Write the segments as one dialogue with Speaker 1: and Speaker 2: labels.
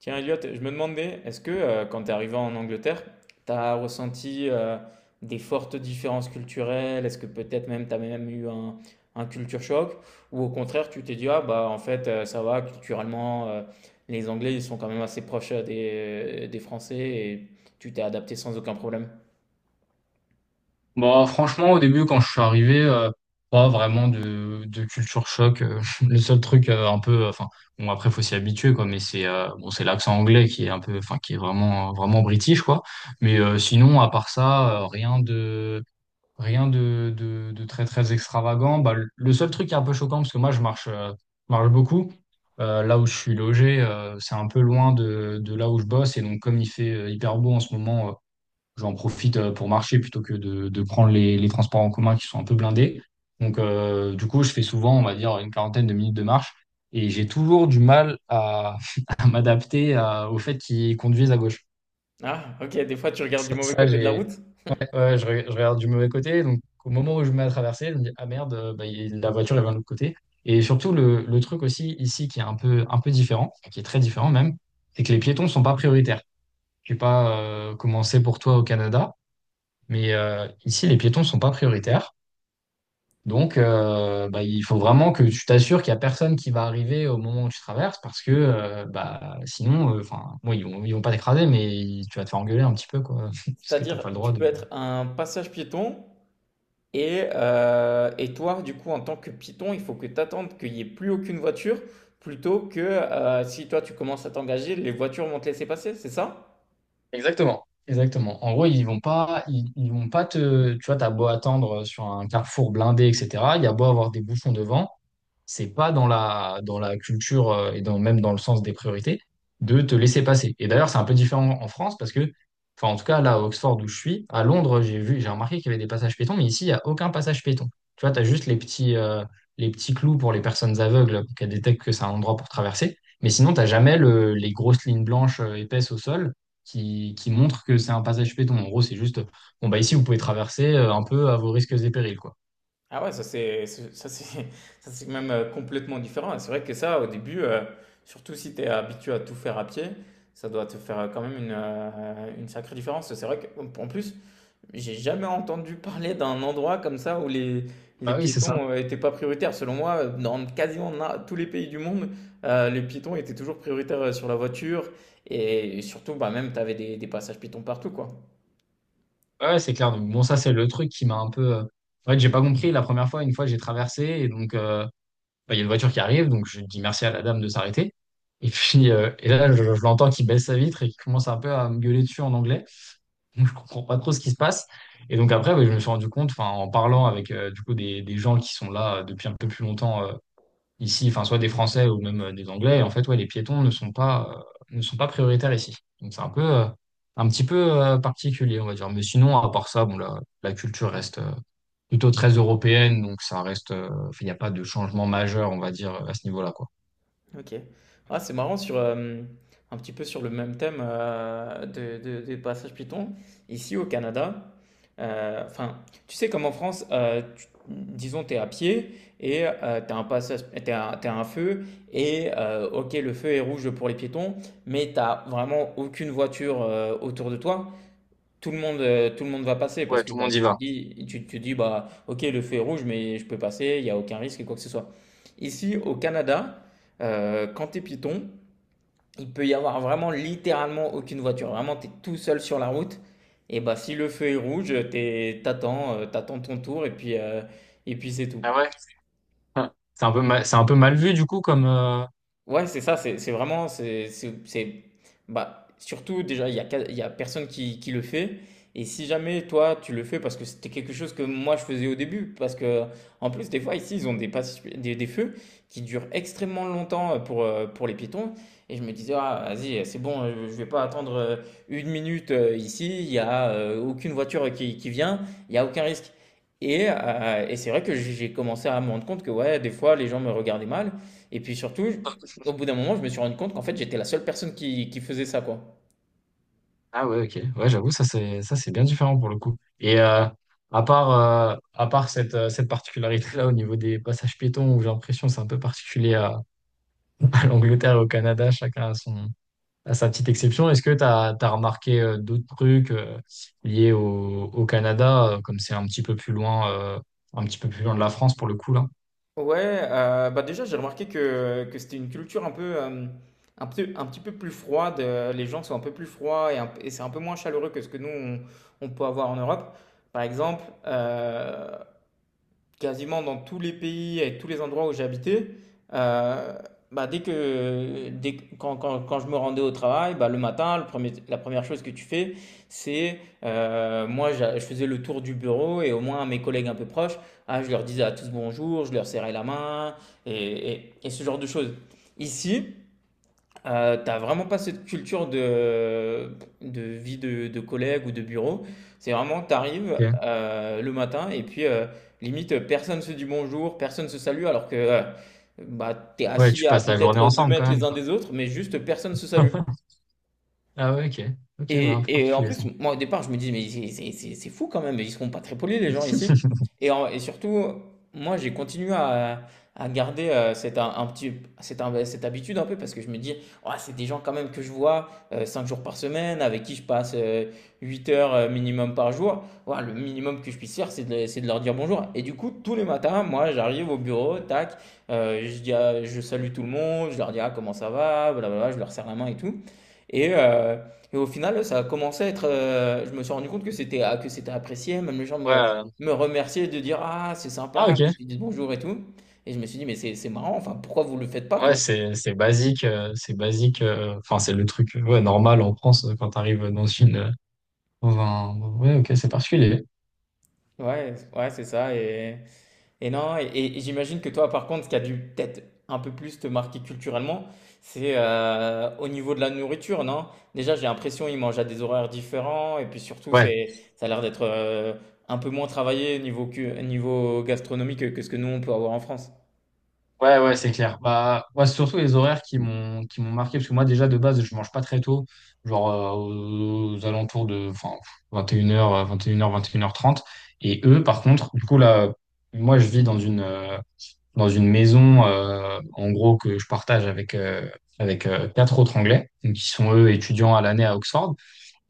Speaker 1: Tiens, Elliot, je me demandais, est-ce que quand tu es arrivé en Angleterre, tu as ressenti des fortes différences culturelles? Est-ce que peut-être même tu as même eu un culture choc? Ou au contraire, tu t'es dit, ah bah en fait, ça va, culturellement, les Anglais, ils sont quand même assez proches des Français et tu t'es adapté sans aucun problème.
Speaker 2: Franchement, au début, quand je suis arrivé, pas vraiment de culture choc. Le seul truc un peu, enfin, bon, après, faut s'y habituer, quoi, mais c'est bon, c'est l'accent anglais qui est un peu, enfin, qui est vraiment, vraiment british, quoi. Mais sinon, à part ça, rien de très, très extravagant. Le seul truc qui est un peu choquant, parce que moi, je marche beaucoup. Là où je suis logé, c'est un peu loin de là où je bosse, et donc, comme il fait hyper beau en ce moment, j'en profite pour marcher plutôt que de prendre les transports en commun qui sont un peu blindés. Donc, du coup, je fais souvent, on va dire, une quarantaine de minutes de marche et j'ai toujours du mal à, à m'adapter au fait qu'ils conduisent à gauche.
Speaker 1: Ah, ok, des fois tu regardes du mauvais côté de la
Speaker 2: J'ai,
Speaker 1: route.
Speaker 2: ouais, je regarde du mauvais côté. Donc, au moment où je me mets à traverser, je me dis, ah merde, bah, la voiture, elle vient de l'autre côté. Et surtout, le truc aussi ici qui est un peu différent, qui est très différent même, c'est que les piétons sont pas prioritaires. Je sais pas comment c'est pour toi au Canada. Mais ici, les piétons sont pas prioritaires. Donc, bah, il faut vraiment que tu t'assures qu'il n'y a personne qui va arriver au moment où tu traverses parce que bah, sinon, enfin, bon, ils vont pas t'écraser, mais tu vas te faire engueuler un petit peu, quoi, parce que t'as pas
Speaker 1: C'est-à-dire,
Speaker 2: le
Speaker 1: tu
Speaker 2: droit
Speaker 1: peux
Speaker 2: de.
Speaker 1: être un passage piéton. Et toi, du coup, en tant que python, il faut que tu attendes qu'il n'y ait plus aucune voiture plutôt que si toi tu commences à t'engager, les voitures vont te laisser passer, c'est ça?
Speaker 2: Exactement, exactement. En gros, ils vont pas te, tu vois, t'as beau attendre sur un carrefour blindé, etc. Il y a beau avoir des bouchons devant, c'est pas dans dans la culture et dans, même dans le sens des priorités de te laisser passer. Et d'ailleurs, c'est un peu différent en France parce que, enfin, en tout cas, là, à Oxford où je suis, à Londres, j'ai remarqué qu'il y avait des passages piétons, mais ici, il y a aucun passage piéton. Tu vois, t'as juste les petits clous pour les personnes aveugles pour qu'elles détectent que c'est un endroit pour traverser. Mais sinon, t'as jamais le, les grosses lignes blanches épaisses au sol qui montre que c'est un passage piéton. En gros, c'est juste, bon, bah ici, vous pouvez traverser un peu à vos risques et périls, quoi.
Speaker 1: Ah ouais, ça c'est ça c'est même complètement différent. Et c'est vrai que ça, au début, surtout si tu es habitué à tout faire à pied, ça doit te faire quand même une sacrée différence. C'est vrai qu'en plus, j'ai jamais entendu parler d'un endroit comme ça où les
Speaker 2: Bah oui, c'est ça.
Speaker 1: piétons, étaient pas prioritaires. Selon moi, dans quasiment na tous les pays du monde, les piétons étaient toujours prioritaires, sur la voiture et surtout, bah, même tu avais des passages piétons partout, quoi.
Speaker 2: Ouais, c'est clair. Donc, bon, ça, c'est le truc qui m'a un peu. En fait, j'ai pas compris la première fois. Une fois, j'ai traversé et donc, bah, il y a une voiture qui arrive. Donc, je dis merci à la dame de s'arrêter. Et puis, et là, je l'entends qui baisse sa vitre et qui commence un peu à me gueuler dessus en anglais. Donc, je comprends pas trop ce qui se passe. Et donc après, ouais, je me suis rendu compte, enfin, en parlant avec du coup des gens qui sont là depuis un peu plus longtemps ici, enfin, soit des Français ou même des Anglais, en fait, ouais, les piétons ne sont pas, ne sont pas prioritaires ici. Donc c'est un peu, un petit peu particulier, on va dire. Mais sinon, à part ça, bon, la culture reste plutôt très européenne, donc ça reste, enfin, il n'y a pas de changement majeur, on va dire, à ce niveau-là, quoi.
Speaker 1: OK. Ah, c'est marrant sur, un petit peu sur le même thème, de des passages Python. Ici, au Canada, heu, enfin, tu sais, comme en France, tu disons, tu es à pied et tu as un passage t'es as tu as un feu et OK, le feu est rouge pour les piétons, mais tu as vraiment aucune voiture, autour de toi. Tout le monde, tout le monde va passer parce
Speaker 2: Ouais,
Speaker 1: que
Speaker 2: tout le
Speaker 1: bah,
Speaker 2: monde y va.
Speaker 1: tu te dis bah, ok, le feu est rouge, mais je peux passer, il n'y a aucun risque et quoi que ce soit. Ici, au Canada, quand tu es piéton, il peut y avoir vraiment littéralement aucune voiture. Vraiment, tu es tout seul sur la route. Et bah, si le feu est rouge, t'attends ton tour et puis c'est tout.
Speaker 2: Ah ouais? C'est un peu mal vu du coup comme,
Speaker 1: Ouais, c'est ça, c'est vraiment, c'est- bah, surtout déjà, il y a personne qui le fait. Et si jamais toi, tu le fais parce que c'était quelque chose que moi je faisais au début, parce que en plus, des fois ici, ils ont des feux qui durent extrêmement longtemps pour les piétons. Et je me disais, ah, vas-y, c'est bon, je vais pas attendre une minute, ici, il y a aucune voiture qui vient, il y a aucun risque. Et c'est vrai que j'ai commencé à me rendre compte que ouais, des fois, les gens me regardaient mal. Et puis surtout, au bout d'un moment, je me suis rendu compte qu'en fait, j'étais la seule personne qui faisait ça, quoi.
Speaker 2: Ah ouais, ok. Ouais, j'avoue, ça c'est bien différent pour le coup. Et à part cette particularité-là au niveau des passages piétons où j'ai l'impression que c'est un peu particulier à, à l'Angleterre et au Canada, chacun a son a sa petite exception. Est-ce que t'as remarqué d'autres trucs liés au, au Canada, comme c'est un petit peu plus loin un petit peu plus loin de la France pour le coup là?
Speaker 1: Ouais, bah déjà j'ai remarqué que c'était une culture un peu, un petit peu plus froide. Les gens sont un peu plus froids et, un- et c'est un peu moins chaleureux que ce que nous on peut avoir en Europe. Par exemple, quasiment dans tous les pays et tous les endroits où j'ai habité, euh, bah dès, que- quand, quand, quand je me rendais au travail, bah le matin, la première chose que tu fais, c'est, moi, je faisais le tour du bureau et au moins à mes collègues un peu proches, ah, je leur disais à tous bonjour, je leur serrais la main et ce genre de choses. Ici, t'as vraiment pas cette culture de vie de collègue ou de bureau. C'est vraiment, t'arrives
Speaker 2: Ok.
Speaker 1: le matin et puis limite personne se dit bonjour, personne se salue alors que bah, t'es
Speaker 2: Ouais,
Speaker 1: assis
Speaker 2: tu
Speaker 1: à
Speaker 2: passes la journée
Speaker 1: peut-être deux
Speaker 2: ensemble quand
Speaker 1: mètres les
Speaker 2: même
Speaker 1: uns
Speaker 2: quoi.
Speaker 1: des autres, mais juste personne se salue.
Speaker 2: Ah ouais, ok. Ok, ouais, un peu
Speaker 1: Et en
Speaker 2: particulier
Speaker 1: plus,
Speaker 2: ça.
Speaker 1: moi, au départ, je me dis: «Mais c'est fou quand même, ils seront pas très polis les gens ici», et en et surtout, moi, j'ai continué à garder, cette un petit cette un cette habitude un peu parce que je me dis: «Oh, c'est des gens quand même que je vois, 5 jours par semaine, avec qui je passe, 8 heures, minimum par jour. Ouah, le minimum que je puisse faire, c'est de leur dire bonjour», et du coup, tous les matins, moi, j'arrive au bureau, tac, je dis à je salue tout le monde, je leur dis: «Ah, comment ça va?» blablabla, je leur serre la main et tout, et heu et au final, ça a commencé à être, je me suis rendu compte que c'était apprécié. Même les gens
Speaker 2: Ouais.
Speaker 1: me remerciaient de dire: «Ah, c'est
Speaker 2: Ah
Speaker 1: sympa que
Speaker 2: ok.
Speaker 1: tu dises bonjour et tout», et je me suis dit: «Mais c'est marrant, enfin, pourquoi vous le faites pas,
Speaker 2: Ouais,
Speaker 1: quoi?»
Speaker 2: c'est basique, c'est basique. Enfin, c'est le truc ouais, normal en France quand t'arrives dans une dans un. Ouais, ok, c'est particulier.
Speaker 1: Ouais, ouais, c'est ça et non et et j'imagine que toi, par contre, ce qui a dû peut-être un peu plus te marquer culturellement, c'est, au niveau de la nourriture, non? Déjà, j'ai l'impression, ils mangent à des horaires différents et puis surtout,
Speaker 2: Ouais,
Speaker 1: c'est ça a l'air d'être, un peu moins travaillé niveau cu niveau gastronomique que ce que nous, on peut avoir en France.
Speaker 2: ouais, c'est clair. Bah, ouais, c'est surtout les horaires qui m'ont marqué parce que moi déjà de base je mange pas très tôt, genre aux alentours de enfin 21h, 21h, 21h30. Et une heures, 21h30. Et eux, par contre, du coup là, moi je vis dans une maison en gros que je partage avec quatre autres Anglais donc, qui sont eux étudiants à l'année à Oxford.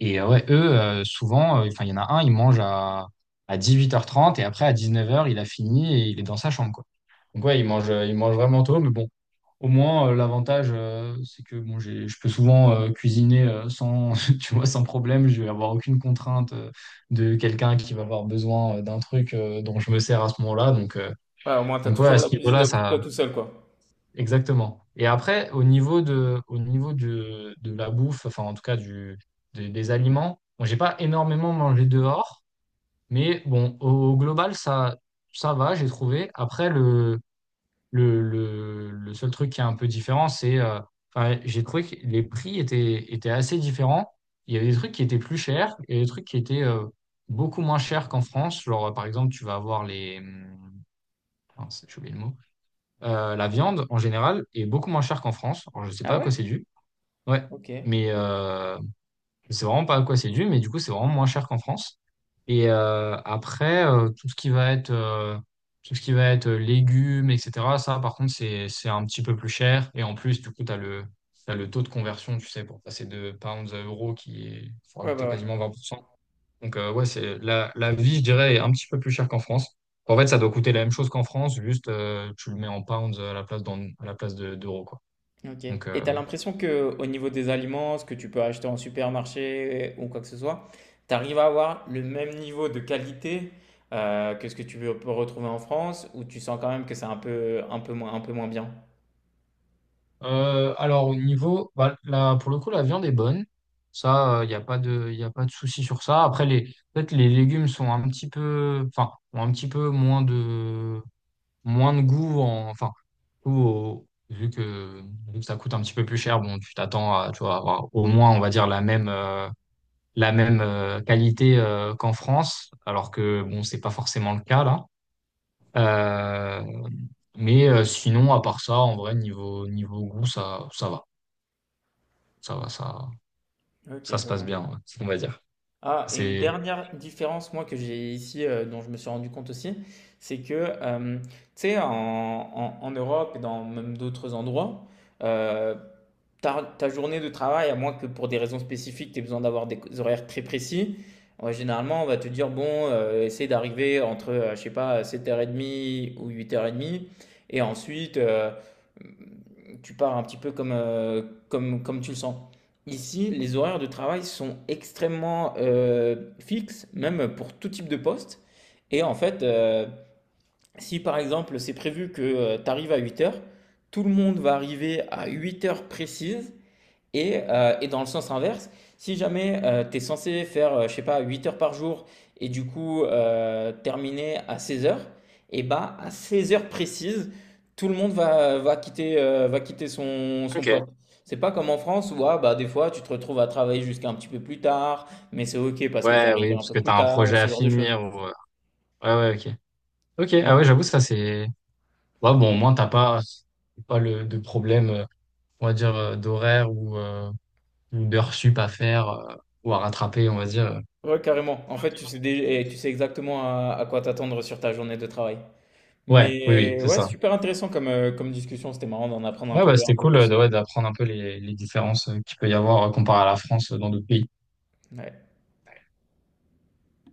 Speaker 2: Et ouais, eux, souvent, enfin, il y en a un, à 18h30 et après à 19h il a fini et il est dans sa chambre, quoi. Donc ouais, il mange vraiment tôt, mais bon, au moins, l'avantage, c'est que bon, je peux souvent cuisiner sans, tu vois, sans problème. Je vais avoir aucune contrainte de quelqu'un qui va avoir besoin d'un truc dont je me sers à ce moment-là.
Speaker 1: Ouais, au moins, t'as
Speaker 2: Donc ouais, à
Speaker 1: toujours la
Speaker 2: ce niveau-là,
Speaker 1: cuisine pour
Speaker 2: ça,
Speaker 1: toi tout seul, quoi.
Speaker 2: Exactement. Et après, au niveau de la bouffe, enfin en tout cas du, des aliments, bon, j'ai pas énormément mangé dehors, mais bon, au, au global, ça va, j'ai trouvé. Après, le seul truc qui est un peu différent, c'est, enfin, j'ai trouvé que les prix étaient, étaient assez différents. Il y avait des trucs qui étaient plus chers et des trucs qui étaient beaucoup moins chers qu'en France. Genre, par exemple, tu vas avoir les... mince, j'ai oublié le mot la viande, en général, est beaucoup moins chère qu'en France. Alors, je sais
Speaker 1: Ah
Speaker 2: pas à quoi
Speaker 1: ouais?
Speaker 2: c'est dû. Ouais.
Speaker 1: Ok. Ouais,
Speaker 2: Mais je sais vraiment pas à quoi c'est dû, mais du coup, c'est vraiment moins cher qu'en France. Et après, tout ce qui va être légumes, etc., ça, par contre, c'est un petit peu plus cher. Et en plus, du coup, t'as le taux de conversion, tu sais, pour passer de pounds à euros qui est, faut
Speaker 1: bah
Speaker 2: rajouter
Speaker 1: ouais.
Speaker 2: quasiment 20%. Donc, ouais, c'est la vie, je dirais, est un petit peu plus chère qu'en France. En fait, ça doit coûter la même chose qu'en France, juste tu le mets en pounds à la place d'euros, quoi.
Speaker 1: Ok.
Speaker 2: Donc,
Speaker 1: Et t'as l'impression que au niveau des aliments, ce que tu peux acheter en supermarché ou quoi que ce soit, t'arrives à avoir le même niveau de qualité que ce que tu peux retrouver en France, ou tu sens quand même que c'est un peu, un peu moins bien?
Speaker 2: alors, au niveau, bah, là, pour le coup, la viande est bonne. Ça, il n'y a pas de, y a pas de souci sur ça. Après, les, peut-être les légumes sont un petit peu, enfin, ont un petit peu moins moins de goût, enfin, ou au- vu que, vu que ça coûte un petit peu plus cher, bon, tu t'attends à, tu vois, avoir au moins, on va dire, la même. La même qualité qu'en France, alors que bon, c'est pas forcément le cas là. Euh, mais sinon, à part ça, en vrai, niveau, niveau goût, ça va. Ça va, ça,
Speaker 1: Ok,
Speaker 2: ça se
Speaker 1: je
Speaker 2: passe
Speaker 1: vois.
Speaker 2: bien, ouais, on va dire.
Speaker 1: Ah, et une
Speaker 2: C'est.
Speaker 1: dernière différence, moi, que j'ai ici, dont je me suis rendu compte aussi, c'est que, tu sais, en Europe et dans même d'autres endroits, euh, ta journée de travail, à moins que pour des raisons spécifiques, tu aies besoin d'avoir des horaires très précis, ouais, généralement, on va te dire, bon, essaie d'arriver entre, je sais pas, 7:30 ou 8:30, et ensuite, tu pars un petit peu comme, comme tu le sens. Ici, les horaires de travail sont extrêmement fixes, même pour tout type de poste. Et en fait, si par exemple c'est prévu que tu arrives à 8 heures, tout le monde va arriver à 8 heures précises et dans le sens inverse, si jamais tu es censé faire, je sais pas, 8 heures par jour et du coup terminer à 16 heures, et bah à 16 heures précises, tout le monde va quitter, son
Speaker 2: Ok.
Speaker 1: poste. C'est pas comme en France où ah, bah, des fois tu te retrouves à travailler jusqu'à un petit peu plus tard, mais c'est ok parce que tu
Speaker 2: Ouais,
Speaker 1: arrives
Speaker 2: oui,
Speaker 1: un
Speaker 2: parce
Speaker 1: peu
Speaker 2: que
Speaker 1: plus
Speaker 2: t'as un
Speaker 1: tard ou
Speaker 2: projet
Speaker 1: ce
Speaker 2: à
Speaker 1: genre de choses.
Speaker 2: finir. Ou... Ouais, ouais, ok. Ok, ah
Speaker 1: Mais
Speaker 2: ouais, j'avoue, ça c'est. Ouais, bon, au moins, t'as pas, pas de problème, on va dire, d'horaire ou d'heures sup à faire ou à rattraper, on va dire.
Speaker 1: ouais, carrément. En fait, tu sais, dé- et tu sais exactement à quoi t'attendre sur ta journée de travail.
Speaker 2: Ouais, oui, oui,
Speaker 1: Mais
Speaker 2: c'est
Speaker 1: ouais,
Speaker 2: ça.
Speaker 1: super intéressant comme, comme discussion. C'était marrant d'en apprendre
Speaker 2: Ouais, bah, c'était
Speaker 1: un peu
Speaker 2: cool
Speaker 1: plus.
Speaker 2: ouais, d'apprendre un peu les différences qu'il peut y avoir comparé à la France dans d'autres pays.
Speaker 1: Ouais.